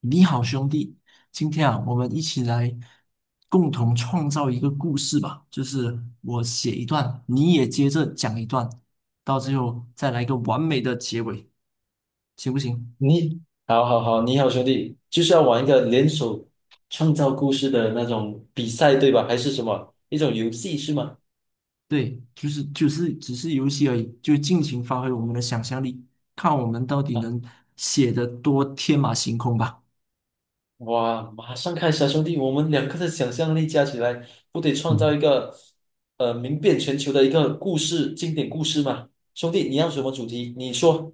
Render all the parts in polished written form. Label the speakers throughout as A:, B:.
A: 你好，兄弟，今天啊，我们一起来共同创造一个故事吧。就是我写一段，你也接着讲一段，到最后再来一个完美的结尾，行不行？
B: 你好好好，你好兄弟，就是要玩一个联手创造故事的那种比赛，对吧？还是什么一种游戏是吗？
A: 对，就是只是游戏而已，就尽情发挥我们的想象力，看我们到底
B: 啊，
A: 能写得多天马行空吧。
B: 哇，马上开始啊，兄弟，我们两个的想象力加起来，不得创造
A: 嗯。
B: 一个名遍全球的一个故事经典故事吗？兄弟，你要什么主题？你说，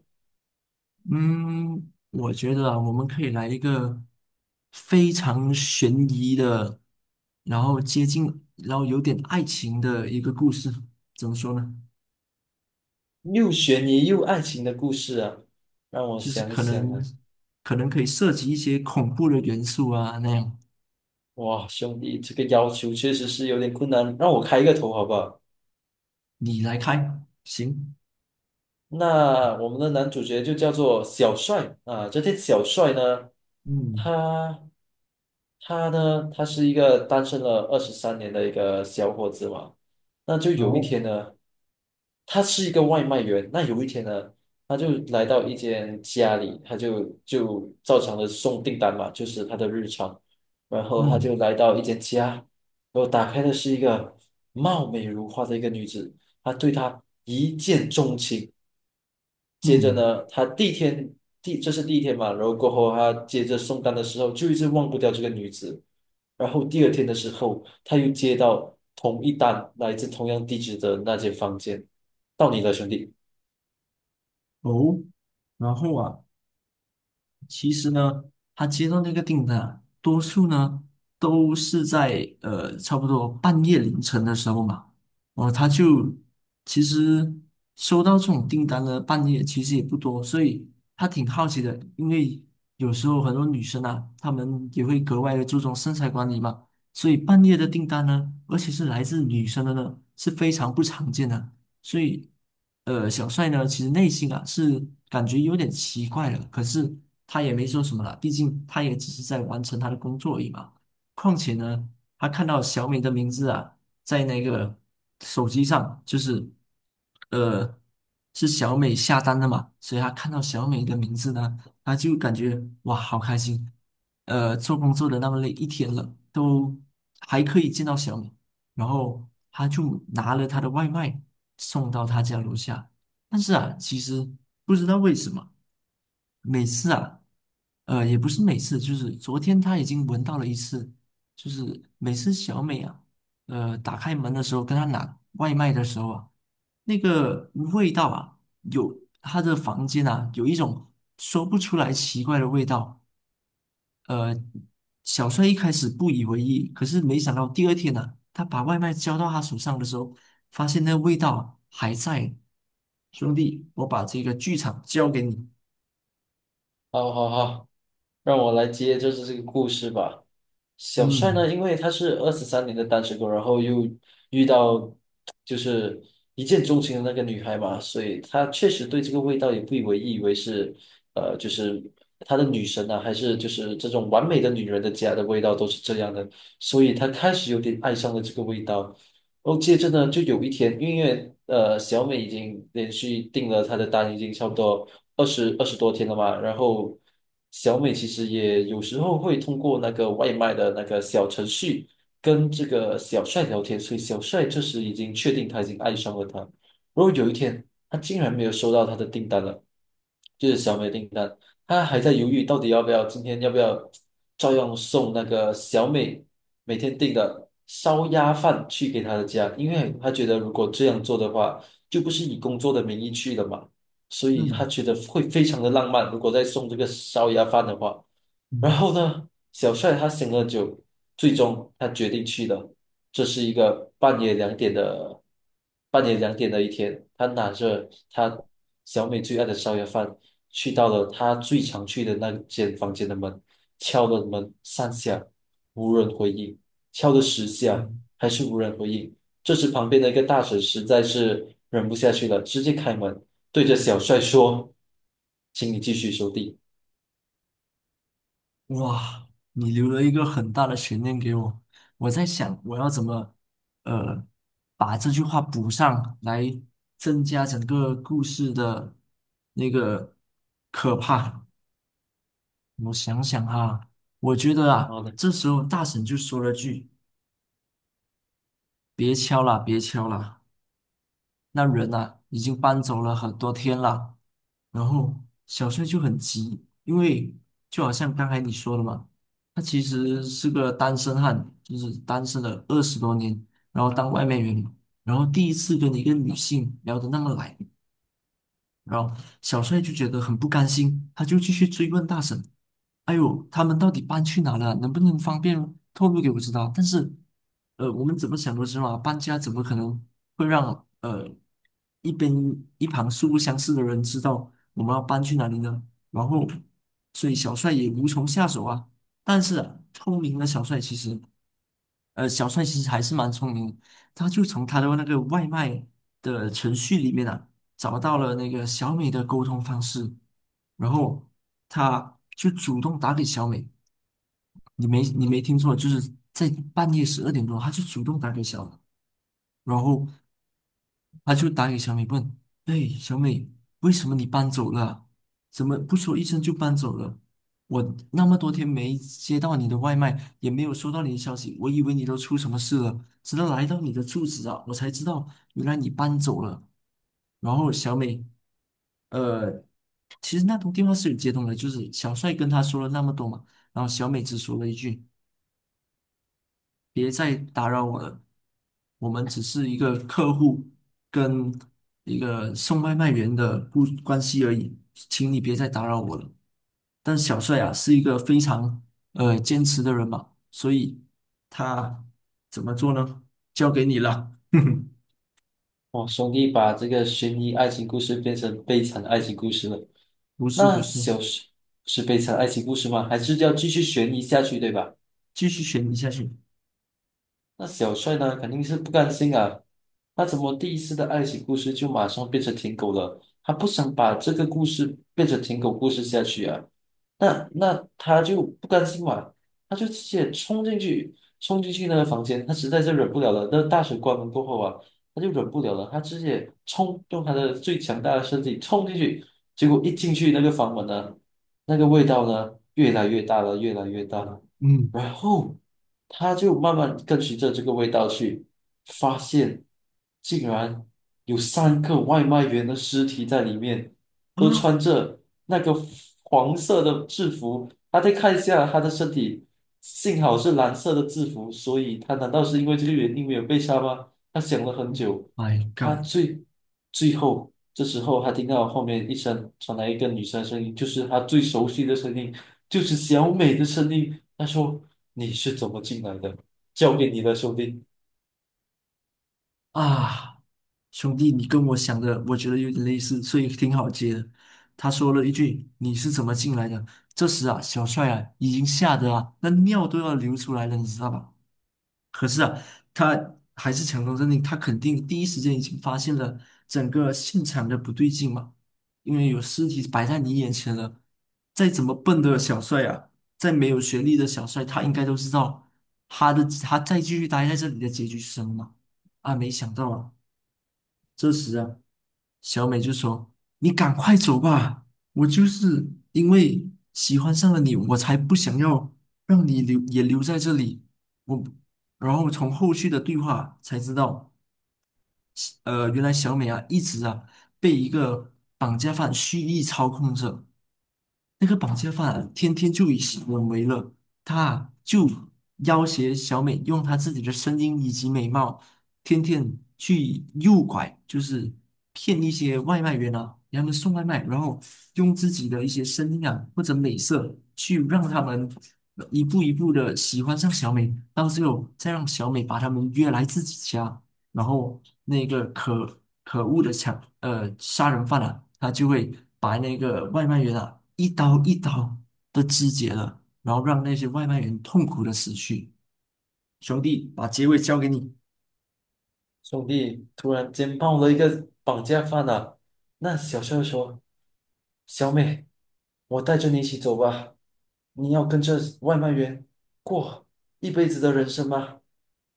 A: 嗯，我觉得啊，我们可以来一个非常悬疑的，然后接近，然后有点爱情的一个故事。怎么说呢？
B: 又悬疑又爱情的故事啊，让我
A: 就是
B: 想
A: 可
B: 想
A: 能
B: 啊，
A: 可能可以涉及一些恐怖的元素啊，那样。
B: 哇，兄弟，这个要求确实是有点困难，让我开一个头好不好？
A: 你来开，行。
B: 那我们的男主角就叫做小帅啊，这天小帅呢，
A: 嗯，
B: 他他呢，他是一个单身了二十三年的一个小伙子嘛，那就有一
A: 好，
B: 天呢，他是一个外卖员，那有一天呢，他就来到一间家里，他就照常的送订单嘛，就是他的日常，然后他
A: 嗯
B: 就来到一间家，然后打开的是一个貌美如花的一个女子。他对她一见钟情，接着
A: 嗯，
B: 呢，他第一天这是第一天嘛，然后过后他接着送单的时候就一直忘不掉这个女子，然后第二天的时候他又接到同一单来自同样地址的那间房间，到你了，兄弟。
A: 哦，然后啊，其实呢，他接到那个订单啊多数呢都是在差不多半夜凌晨的时候嘛。哦，他就其实收到这种订单呢，半夜其实也不多，所以他挺好奇的，因为有时候很多女生啊，她们也会格外的注重身材管理嘛，所以半夜的订单呢，而且是来自女生的呢，是非常不常见的，所以。小帅呢，其实内心啊是感觉有点奇怪了，可是他也没说什么了，毕竟他也只是在完成他的工作而已嘛。况且呢，他看到小美的名字啊，在那个手机上，就是呃，是小美下单的嘛，所以他看到小美的名字呢，他就感觉哇，好开心。做工作的那么累一天了，都还可以见到小美，然后他就拿了他的外卖送到他家楼下。但是啊，其实不知道为什么，每次啊，也不是每次，就是昨天他已经闻到了一次，就是每次小美啊，打开门的时候跟他拿外卖的时候啊，那个味道啊，有他的房间啊，有一种说不出来奇怪的味道。呃，小帅一开始不以为意，可是没想到第二天呢、他把外卖交到他手上的时候，发现那个味道还在。兄弟，我把这个剧场交给你。
B: 好好好。让我来接就是这个故事吧。小帅
A: 嗯
B: 呢，因为他是二十三年的单身狗，然后又遇到就是一见钟情的那个女孩嘛，所以他确实对这个味道也不以为意，以为是就是他的女神啊，还是就是这种完美的女人的家的味道都是这样的，所以他开始有点爱上了这个味道。哦，接着呢，就有一天，因为小美已经连续订了他的单，已经差不多二十多天了嘛。然后小美其实也有时候会通过那个外卖的那个小程序跟这个小帅聊天，所以小帅这时已经确定他已经爱上了她。然后有一天，他竟然没有收到他的订单了，就是小美的订单。他还在犹豫到底要不要照样送那个小美每天订的烧鸭饭去给他的家，因为他觉得如果这样做的话，就不是以工作的名义去了嘛，所以他
A: 嗯
B: 觉得会非常的浪漫，如果再送这个烧鸭饭的话。然
A: 嗯
B: 后呢，小帅他醒了酒，最终他决定去的。这是一个半夜两点的，半夜两点的一天，他拿着他小美最爱的烧鸭饭，去到了他最常去的那间房间的门，敲了门3下，无人回应；敲了10下，
A: 嗯，
B: 还是无人回应。这时旁边的一个大婶实在是忍不下去了，直接开门，对着小帅说：“请你继续收地。”
A: 哇，你留了一个很大的悬念给我。我在想，我要怎么呃把这句话补上来，增加整个故事的那个可怕。我想想哈，我觉得
B: 然
A: 啊，
B: 后呢？
A: 这时候大婶就说了句：“别敲了，别敲了，那人啊已经搬走了很多天了。”然后小帅就很急，因为就好像刚才你说的嘛，他其实是个单身汉，就是单身了20多年，然后当外卖员嘛，然后第一次跟一个女性聊得那么来，然后小帅就觉得很不甘心，他就继续追问大婶：“哎呦，他们到底搬去哪了？能不能方便透露给我知道？”但是，我们怎么想都知道啊，搬家怎么可能会让一边一旁素不相识的人知道我们要搬去哪里呢？然后，所以小帅也无从下手啊。但是啊聪明的小帅其实小帅其实还是蛮聪明，他就从他的那个外卖的程序里面啊，找到了那个小美的沟通方式，然后他就主动打给小美，你没听错，就是在半夜12点多，他就主动打给小美，然后他就打给小美问：“哎，小美，为什么你搬走了？怎么不说一声就搬走了？我那么多天没接到你的外卖，也没有收到你的消息，我以为你都出什么事了。直到来到你的住址啊，我才知道原来你搬走了。”然后小美，呃，其实那通电话是有接通的，就是小帅跟他说了那么多嘛，然后小美只说了一句。别再打扰我了，我们只是一个客户跟一个送外卖员的不关系而已，请你别再打扰我了。但小帅啊是一个非常坚持的人嘛，所以他怎么做呢？交给你了。
B: 哇，兄弟把这个悬疑爱情故事变成悲惨爱情故事了。
A: 不是不
B: 那
A: 是，
B: 小时是悲惨爱情故事吗？还是要继续悬疑下去，对吧？
A: 继续选你下去。
B: 那小帅呢，肯定是不甘心啊。他怎么第一次的爱情故事就马上变成舔狗了？他不想把这个故事变成舔狗故事下去啊。那他就不甘心嘛，他就直接冲进去那个房间，他实在是忍不了了。那大水关门过后啊，他就忍不了了，他直接冲，用他的最强大的身体冲进去。结果一进去那个房门呢，那个味道呢，越来越大了，越来越大了。
A: 嗯
B: 然后他就慢慢跟随着这个味道去，发现竟然有3个外卖员的尸体在里面，都
A: 啊
B: 穿着那个黄色的制服。他再看一下他的身体，幸好是蓝色的制服，所以他难道是因为这个原因没有被杀吗？他想了很久，
A: ，My
B: 他
A: God！
B: 最后这时候，他听到后面一声传来一个女生的声音，就是他最熟悉的声音，就是小美的声音。他说：“你是怎么进来的？交给你的，兄弟。”
A: 啊，兄弟，你跟我想的，我觉得有点类似，所以挺好接的。他说了一句：“你是怎么进来的？”这时啊，小帅啊，已经吓得啊，那尿都要流出来了，你知道吧？可是啊，他还是强装镇定，他肯定第一时间已经发现了整个现场的不对劲嘛，因为有尸体摆在你眼前了。再怎么笨的小帅啊，再没有学历的小帅，他应该都知道他再继续待在这里的结局是什么嘛。啊，没想到啊。这时啊，小美就说：“你赶快走吧，我就是因为喜欢上了你，我才不想要让你留也留在这里。”我，然后从后续的对话才知道，原来小美啊一直啊被一个绑架犯蓄意操控着。那个绑架犯天天就以行闻为乐，他就要挟小美用他自己的声音以及美貌，天天去诱拐，就是骗一些外卖员啊，给他们送外卖，然后用自己的一些声音啊或者美色去让他们一步一步的喜欢上小美，到最后再让小美把他们约来自己家。然后那个可恶的杀人犯啊，他就会把那个外卖员啊一刀一刀的肢解了，然后让那些外卖员痛苦的死去。兄弟，把结尾交给你。
B: 兄弟突然间爆了一个绑架犯啊！那小帅说：“小美，我带着你一起走吧，你要跟着外卖员过一辈子的人生吗？”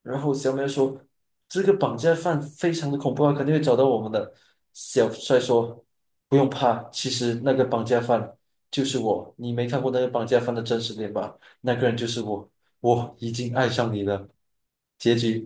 B: 然后小美说：“这个绑架犯非常的恐怖啊，肯定会找到我们的。”小帅说：“不用怕，其实那个绑架犯就是我，你没看过那个绑架犯的真实脸吧？那个人就是我，我已经爱上你了。”结局。